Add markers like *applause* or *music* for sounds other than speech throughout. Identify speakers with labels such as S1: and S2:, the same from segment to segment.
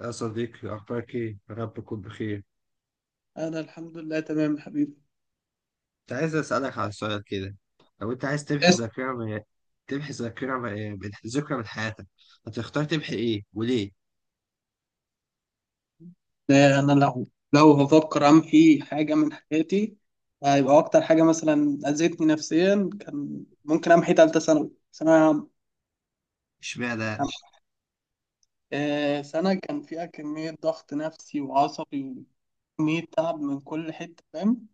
S1: يا صديقي أخبارك إيه؟ يا رب تكون بخير.
S2: أنا الحمد لله تمام يا حبيبي.
S1: كنت عايز أسألك على سؤال كده. لو أنت عايز تمحي
S2: بس.
S1: ذاكرة من ذكرى من حياتك، هتختار تمحي إيه وليه؟
S2: أنا لو بفكر أعمل في حاجة من حياتي، هيبقى أكتر حاجة مثلا أذتني نفسيا كان ممكن أمحي تالتة ثانوي ثانوية عامة.
S1: إشمعنى يعني؟
S2: سنة كان فيها كمية ضغط نفسي وعصبي وكمية تعب من كل حتة، فاهم؟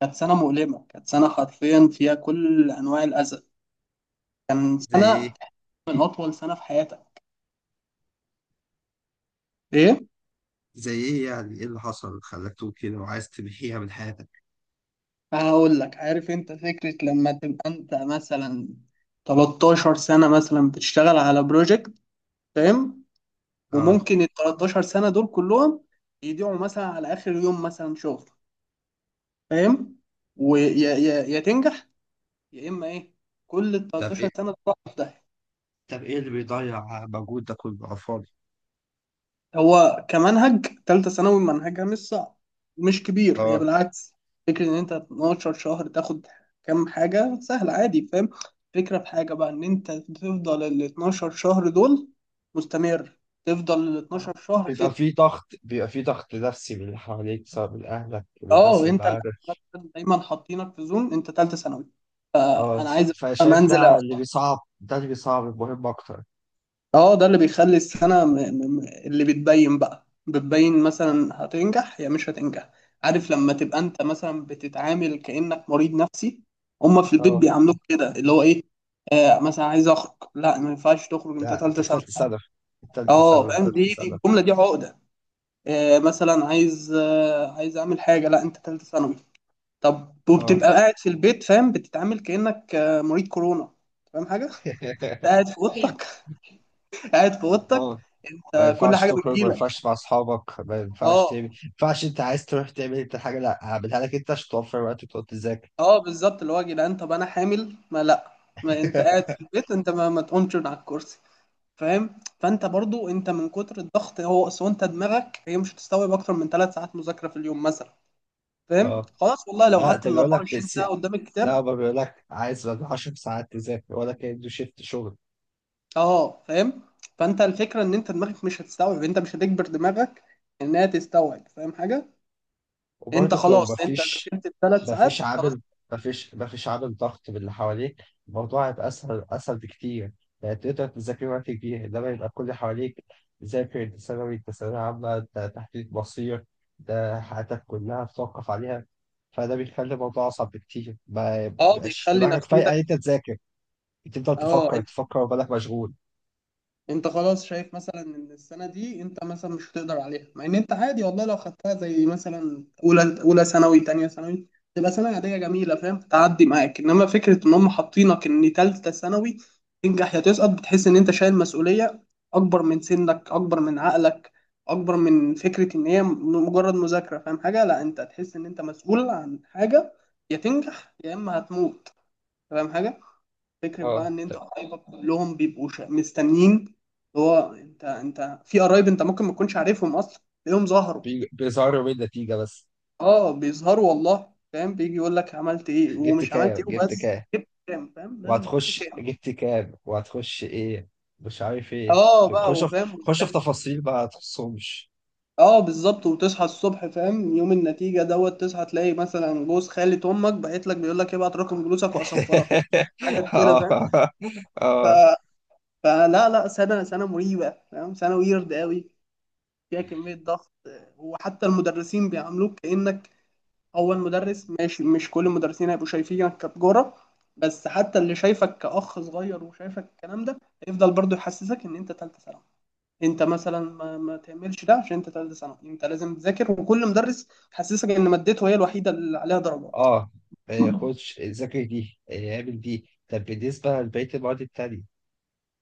S2: كانت سنة مؤلمة، كانت سنة حرفيا فيها كل أنواع الأذى، كان
S1: زي إيه؟
S2: سنة من أطول سنة في حياتك. إيه؟
S1: زي إيه يعني؟ إيه اللي حصل خلاك تقول كده وعايز تمحيها من حياتك؟
S2: هقول لك. عارف انت فكرة لما تبقى انت مثلا 13 سنة مثلا بتشتغل على بروجكت، فاهم؟
S1: آه،
S2: وممكن ال 13 سنة دول كلهم يضيعوا مثلا على آخر يوم مثلا شغل، فاهم؟ ويا يا يا تنجح يا إما إيه، كل ال
S1: طب إيه؟
S2: 13 سنة تروح في داهية.
S1: طب إيه اللي بيضيع مجهود ده كله على الفاضي؟
S2: هو كمنهج تالتة ثانوي منهجها مش صعب ومش كبير، هي
S1: آه،
S2: بالعكس. فكرة إن أنت 12 شهر تاخد كام حاجة سهل عادي، فاهم؟ فكرة في حاجة بقى إن أنت تفضل ال 12 شهر دول مستمر، تفضل ال 12 شهر
S1: بيبقى
S2: كده.
S1: في ضغط، بيبقى في ضغط نفسي من اللي حواليك، سواء من أهلك، من الناس
S2: أه،
S1: اللي
S2: أنت الأول
S1: معاك.
S2: مثلاً دايما حاطينك في زون أنت تالتة ثانوي،
S1: اه،
S2: أنا عايز أفهم
S1: فشايف
S2: أنزل.
S1: ده اللي بيصعب، المهم أكتر.
S2: اه ده اللي بيخلي السنة اللي بتبين بقى بتبين مثلا هتنجح يا مش هتنجح. عارف لما تبقى انت مثلا بتتعامل كأنك مريض نفسي، هما في البيت
S1: اه،
S2: بيعاملوك كده اللي هو ايه. آه مثلا عايز اخرج، لا ما ينفعش تخرج انت
S1: لا انت
S2: تالتة
S1: في
S2: سنة.
S1: ثالثه ثانوي في ثالثه
S2: اه
S1: ثانوي في
S2: فاهم،
S1: ثالثه
S2: دي
S1: ثانوي.
S2: الجملة دي عقدة. آه مثلا عايز، آه عايز اعمل حاجة، لا انت تالتة ثانوي. طب
S1: اه.
S2: وبتبقى قاعد في البيت، فاهم، بتتعامل كأنك آه مريض كورونا. فاهم حاجة؟ *laughs*
S1: *laughs*
S2: قاعد في اوضتك. *laughs* قاعد في اوضتك.
S1: اه، ما
S2: آه كل
S1: ينفعش
S2: حاجة
S1: تخرج، ما
S2: بتجيلك.
S1: ينفعش مع اصحابك، ما ينفعش
S2: اه.
S1: تعمل، ما ينفعش، انت عايز تروح تعمل انت حاجه، لا هعملها لك انت عشان توفر وقت وتقعد تذاكر.
S2: اه بالظبط، اللي هو يا جدعان، طب انا حامل ما لا، ما انت قاعد في
S1: *laughs*
S2: البيت انت ما تقومش من على الكرسي. فاهم؟ فانت برضو انت من كتر الضغط، هو اصل انت دماغك هي مش هتستوعب اكتر من ثلاث ساعات مذاكره في اليوم مثلا، فاهم؟
S1: اه،
S2: خلاص والله لو
S1: لا
S2: قعدت
S1: ده
S2: ال
S1: بيقول لك
S2: 24
S1: الس...
S2: ساعه قدام
S1: لا،
S2: الكتاب.
S1: هو بيقول لك عايز بعد 10 ساعات تذاكر ولا كأنه شيفت شغل.
S2: اه فاهم. فانت الفكره ان انت دماغك مش هتستوعب، انت مش هتجبر دماغك انها تستوعب، فاهم حاجه؟ انت
S1: وبرضك لو
S2: خلاص، انت ذاكرت الثلاث
S1: مفيش
S2: ساعات خلاص.
S1: عامل مفيش عامل ضغط من اللي حواليك، الموضوع هيبقى أسهل، أسهل بكتير. يعني تقدر تذاكر وقت كبير، إنما يبقى كل اللي حواليك ذاكر، أنت ثانوي، أنت ثانوية عامة، أنت تحديد مصير، ده حياتك كلها بتوقف عليها. فده بيخلي الموضوع أصعب بكتير، ما
S2: اه
S1: بيبقاش
S2: بيخلي
S1: دماغك فايقة
S2: نفسيتك.
S1: إن أنت تذاكر، بتفضل
S2: اه
S1: تفكر وبالك مشغول.
S2: انت خلاص شايف مثلا ان السنه دي انت مثلا مش هتقدر عليها، مع ان انت عادي والله لو خدتها زي مثلا اولى ثانوي تانية ثانوي، تبقى سنه عاديه جميله، فاهم، تعدي معاك. انما فكره ان هم حاطينك ان تالتة ثانوي، تنجح يا تسقط، بتحس ان انت شايل مسؤوليه اكبر من سنك، اكبر من عقلك، اكبر من فكره ان هي مجرد مذاكره، فاهم حاجه؟ لا انت هتحس ان انت مسؤول عن حاجه، يا تنجح يا اما هتموت. فاهم حاجه؟ فكرة بقى
S1: اه،
S2: ان انت قرايبك كلهم بيبقوا مستنيين، اللي هو انت في قرايب انت ممكن ما تكونش عارفهم اصلا تلاقيهم ظهروا.
S1: بيظهروا من النتيجة بس.
S2: اه بيظهروا والله، فاهم، بيجي يقول لك عملت ايه
S1: جبت
S2: ومش عملت
S1: كام
S2: ايه،
S1: جبت
S2: وبس
S1: كام
S2: جبت كام، فاهم لازم، جبت
S1: وهتخش،
S2: كام.
S1: جبت كام وهتخش ايه، مش عارف ايه.
S2: اه بقى
S1: خش في
S2: وفاهم
S1: خش
S2: وبتاع.
S1: في تفاصيل بقى تخصهمش.
S2: اه بالظبط، وتصحى الصبح فاهم يوم النتيجة دوت، تصحى تلاقي مثلا جوز خالة امك بعت لك بيقول لك ابعت رقم جلوسك
S1: *laughs*
S2: واصفرك. حاجات كده، فاهم.
S1: اه.
S2: ف...
S1: اه.
S2: فلا لا سنة مريبة، فاهم، سنة ويرد قوي فيها كمية ضغط. وحتى المدرسين بيعاملوك كأنك أول مدرس، ماشي مش كل المدرسين هيبقوا شايفينك كتجارة، بس حتى اللي شايفك كأخ صغير وشايفك الكلام ده هيفضل برضه يحسسك إن أنت تالتة ثانوي. أنت مثلا ما تعملش ده عشان أنت تالتة ثانوي، أنت لازم تذاكر. وكل مدرس يحسسك إن مادته هي الوحيدة اللي عليها درجات.
S1: اه، إيه، خش ذاكر دي، إيه، اعمل دي، طب بالنسبة لبقية المواد التانية؟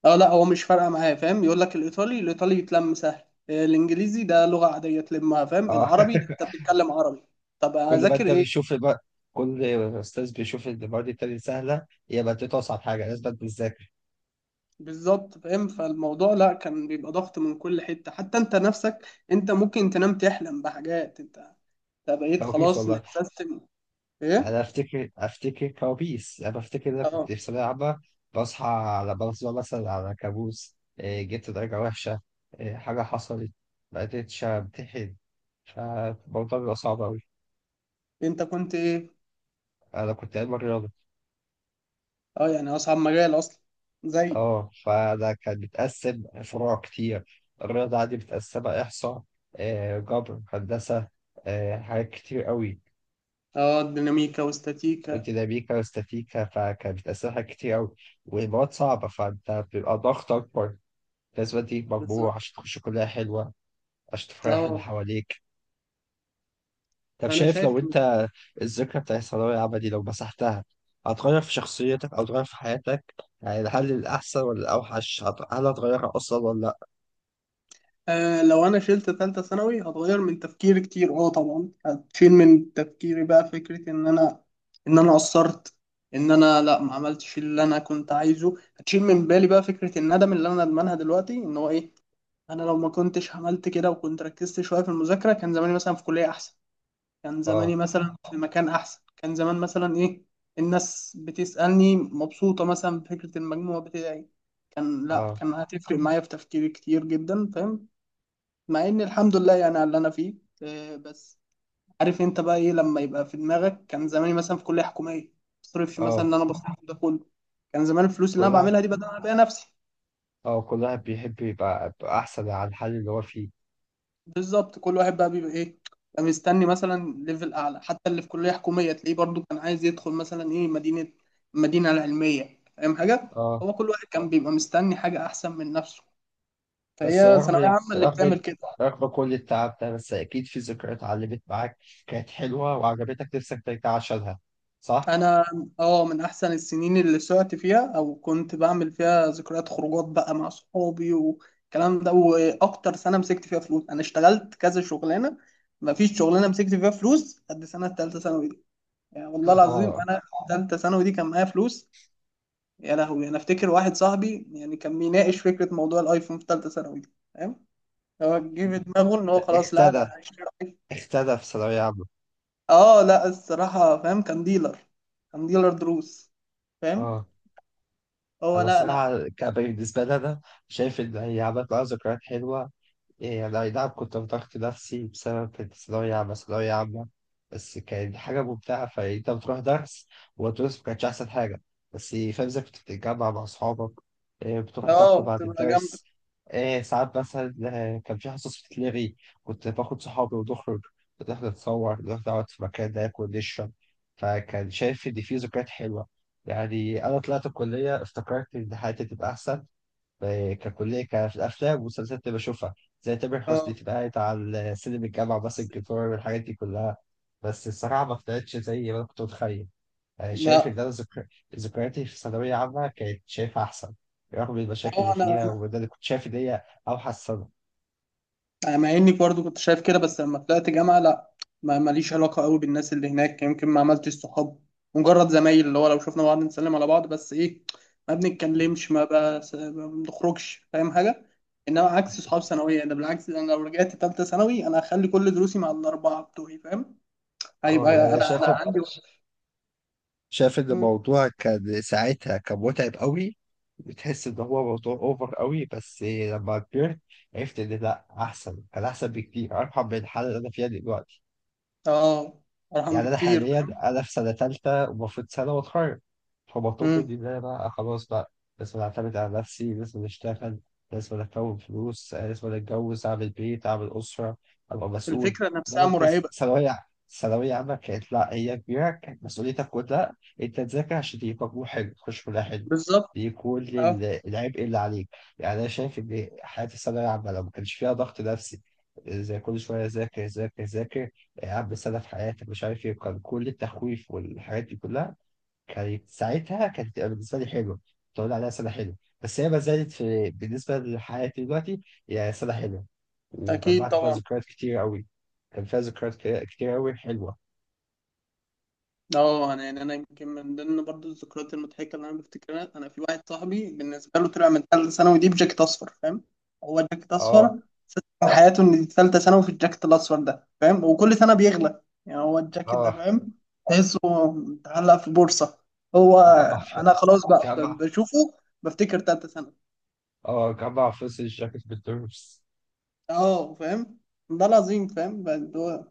S2: اه لا هو مش فارقه معاه، فاهم، يقول لك الايطالي يتلم سهل. آه، الانجليزي ده لغه عاديه تلمها، فاهم،
S1: اه. *laughs*
S2: العربي ده انت بتتكلم عربي. طب
S1: كل ما
S2: اذاكر
S1: انت
S2: ايه؟
S1: بيشوف بقى، كل استاذ بيشوف ان المواد التانية سهلة، يبقى انت اصعب حاجة لازم تذاكر.
S2: بالظبط، فاهم، فالموضوع لا كان بيبقى ضغط من كل حتة، حتى انت نفسك. انت ممكن تنام تحلم بحاجات، انت بقيت
S1: كوابيس
S2: خلاص
S1: والله.
S2: متسيستم.
S1: يعني
S2: ايه؟
S1: انا افتكر، كوابيس، يعني انا افتكر ان انا
S2: اه.
S1: كنت في ثانويه عامه، بصحى مثلا على كابوس، إيه، جبت درجه وحشه، إيه، حاجه حصلت، ما قدرتش امتحن. فالموضوع بيبقى صعب قوي.
S2: انت كنت ايه؟
S1: انا كنت علم رياضه.
S2: اه يعني اصعب مجال اصلا، زي.
S1: اه، فانا كان بيتقسم فروع كتير، الرياضه عندي متقسمه احصاء، إيه، جبر، هندسه، إيه، حاجات كتير قوي،
S2: اه ديناميكا واستاتيكا.
S1: ديناميكا واستاتيكا. فكان بتقسمها كتير قوي، والمواد صعبة، فأنت بيبقى ضغط أكبر. الأسباب دي مجموعة
S2: بالظبط.
S1: عشان تخش كلية حلوة، عشان تفرح اللي
S2: اه
S1: حواليك. طب
S2: فانا
S1: شايف
S2: شايف.
S1: لو أنت الذكرى بتاعت الثانوية العامة دي لو مسحتها، هتغير في شخصيتك أو تغير في حياتك؟ يعني هل الأحسن ولا الأوحش، هل هتغيرها أصلا ولا لأ؟
S2: آه لو انا شلت تالتة ثانوي هتغير من تفكيري كتير، اه طبعا، هتشيل من تفكيري بقى فكرة ان انا قصرت، ان انا لا ما عملتش اللي انا كنت عايزه. هتشيل من بالي بقى فكرة الندم اللي انا ندمانها دلوقتي ان هو ايه، انا لو ما كنتش عملت كده وكنت ركزت شوية في المذاكرة كان زماني مثلا في كلية احسن، كان زماني
S1: آه.
S2: مثلا في مكان احسن، كان زمان مثلا ايه، الناس بتسألني مبسوطة مثلا بفكرة المجموع بتاعي. كان لا
S1: آه.
S2: كان هتفرق معايا في تفكيري كتير جدا، فاهم، مع ان الحمد لله يعني على اللي انا فيه. آه، بس عارف انت بقى ايه لما يبقى في دماغك كان زماني مثلا في كليه حكوميه، مصرفش مثلا
S1: آه،
S2: اللي انا بصرفه ده كله، كان زمان الفلوس اللي
S1: كل
S2: انا
S1: واحد
S2: بعملها دي بدل انا بيها نفسي.
S1: آه، كل واحد بيحب يبقى، أحسن عن الحال اللي هو فيه.
S2: بالظبط، كل واحد بقى بيبقى ايه، بقى مستني مثلا ليفل اعلى، حتى اللي في كليه حكوميه تلاقيه برضو كان عايز يدخل مثلا ايه، مدينه، المدينه العلميه، فاهم حاجه.
S1: آه.
S2: هو كل واحد كان بيبقى مستني حاجه احسن من نفسه،
S1: بس
S2: فهي ثانويه
S1: رغم
S2: عامه اللي
S1: رغم
S2: بتعمل كده.
S1: رغم كل التعب ده، بس أكيد في ذكريات علمت معاك كانت حلوة وعجبتك نفسك ترجع عشانها، صح؟
S2: انا اه من احسن السنين اللي سعت فيها او كنت بعمل فيها ذكريات خروجات بقى مع صحابي والكلام ده، واكتر سنه مسكت فيها فلوس. انا اشتغلت كذا شغلانه، ما فيش شغلانه مسكت فيها فلوس قد سنه ثالثه ثانوي دي. يعني والله العظيم
S1: آه.
S2: انا ثالثه ثانوي دي كان معايا فلوس. يا لهوي انا افتكر واحد صاحبي يعني كان بيناقش فكره موضوع الايفون في ثالثه ثانوي دي، فاهم، هو جه في دماغه ان هو خلاص لا ده
S1: اختدى
S2: انا هشتري آيفون.
S1: اختدى في ثانوية عامة.
S2: اه لا الصراحه، فاهم، كان ديلر، كان ديلر دروس، فاهم.
S1: اه،
S2: هو
S1: أنا
S2: لا لا.
S1: الصراحة، بالنسبة لي أنا شايف إن هي عملت معايا ذكريات حلوة. يعني أي نعم كنت بضغط نفسي بسبب الثانوية عامة، ثانوية عامة، بس كانت حاجة ممتعة. فأنت بتروح درس، والدروس ما كانتش أحسن حاجة، بس فاهم إزاي كنت بتتجمع مع أصحابك، إيه، بتروح
S2: اه
S1: تاكل بعد
S2: بتبقى جامدة.
S1: الدرس، إيه، ساعات مثلا آه، كان في حصص بتتلغي، كنت باخد صحابي ونخرج، نروح نتصور، نروح نقعد في مكان ناكل نشرب. فكان شايف إن في ذكريات حلوة. يعني أنا طلعت الكلية افتكرت إن حياتي تبقى أحسن، آه، ككلية، في الأفلام والمسلسلات اللي بشوفها، زي تامر حسني
S2: اه
S1: تبقى قاعد على سلم الجامعة ماسك
S2: بس-
S1: الجيتار والحاجات دي كلها. بس الصراحة ما طلعتش زي ما أنا كنت متخيل. آه، شايف إن
S2: لا
S1: أنا ذكرياتي في ثانوية عامة كانت شايفها أحسن، رغم المشاكل
S2: اه
S1: اللي
S2: انا
S1: فيها، وده اللي كنت شايف إن هي أوحش سنة.
S2: انا مع اني برضو كنت شايف كده، بس لما طلعت جامعة لا، ما ماليش علاقة قوي بالناس اللي هناك، يمكن ما عملتش صحاب، مجرد زمايل اللي هو لو شفنا بعض نسلم على بعض بس ايه ما بنتكلمش، ما, بس ما بنخرجش، فاهم حاجة. انما عكس صحاب ثانوية ده، بالعكس، انا لو رجعت تالتة ثانوي انا هخلي كل دروسي مع الاربعة بتوعي، فاهم،
S1: أه،
S2: هيبقى
S1: يعني أنا
S2: انا
S1: شايف،
S2: انا عندي.
S1: إن
S2: مم.
S1: الموضوع كان ساعتها كان متعب قوي، بتحس إن هو موضوع أوفر قوي، بس لما كبرت عرفت إن لأ، أحسن، كان أحسن بكتير، أرحم من الحالة اللي أنا فيها دلوقتي.
S2: اه ارحم
S1: يعني أنا
S2: بكتير
S1: حاليا
S2: فاهم.
S1: أنا في سنة تالتة ومفروض سنة وأتخرج، فمطلوب
S2: مم.
S1: مني إن أنا بقى خلاص بقى لازم أعتمد على نفسي، لازم أشتغل، لازم أكون فلوس، آه، لازم أتجوز، أعمل بيت، أعمل أسرة، أبقى مسؤول.
S2: الفكرة
S1: إنما
S2: نفسها
S1: أنت
S2: مرعبة.
S1: ثانوية ثانوية عامة كانت، لا هي كبيرة، كانت مسؤوليتك كلها أنت تذاكر عشان تجيب مجموع حلو تخش كلها حلو.
S2: بالظبط.
S1: دي كل
S2: اه.
S1: العبء اللي عليك. يعني أنا شايف إن حياة الثانوية العامة لو ما كانش فيها ضغط نفسي، زي كل شوية ذاكر، ذاكر، قبل سنة في حياتك مش عارف ايه، كان كل التخويف والحاجات دي كلها، كانت ساعتها كانت تبقى بالنسبة لي حلوة، تقول عليها سنة حلوة. بس هي ما زالت في بالنسبة لحياتي دلوقتي هي سنة حلوة،
S2: اكيد
S1: وجمعت فيها
S2: طبعا.
S1: ذكريات كتير قوي، كان فيها ذكريات، كتير قوي حلوة.
S2: اه انا يعني انا يمكن من ضمن برضو الذكريات المضحكه اللي انا بفتكرها انا في واحد صاحبي بالنسبه له طلع من ثالثه ثانوي دي بجاكيت اصفر، فاهم، هو جاكيت اصفر
S1: اه.
S2: من حياته ان دي ثالثه ثانوي في الجاكيت الاصفر ده، فاهم، وكل سنه بيغلى يعني هو الجاكيت ده،
S1: اه،
S2: فاهم، تحسه متعلق في بورصه. هو
S1: جمع ف-
S2: انا خلاص بقى
S1: جمع.
S2: بشوفه بفتكر ثالثه ثانوي.
S1: اه، جمع فلوس الجاكيت بالدروس.
S2: اه فاهم، ده العظيم فاهم بقى هو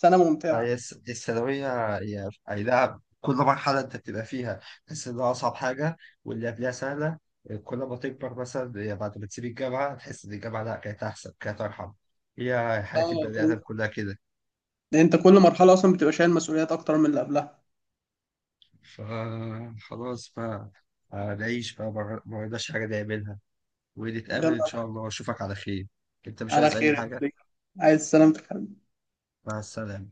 S2: سنه
S1: هي
S2: ممتعه.
S1: دي الثانوية، هي أي نعم كل مرحلة أنت بتبقى فيها تحس إنها أصعب حاجة واللي قبلها سهلة. كل ما تكبر مثلا، هي بعد ما تسيب الجامعة تحس إن الجامعة لأ، كانت أحسن، كانت أرحم. هي حياة
S2: اه
S1: البني آدم كلها كده.
S2: لأن انت كل مرحله اصلا بتبقى شايل مسؤوليات اكتر من اللي قبلها.
S1: فخلاص بقى، آه، نعيش بقى، ما عندناش حاجة نعملها، ونتقابل إن
S2: يلا.
S1: شاء الله وأشوفك على خير. أنت مش
S2: على
S1: عايز أي
S2: خير يا
S1: حاجة؟
S2: حبيبي. عايز سلامتك.
S1: مع السلامة.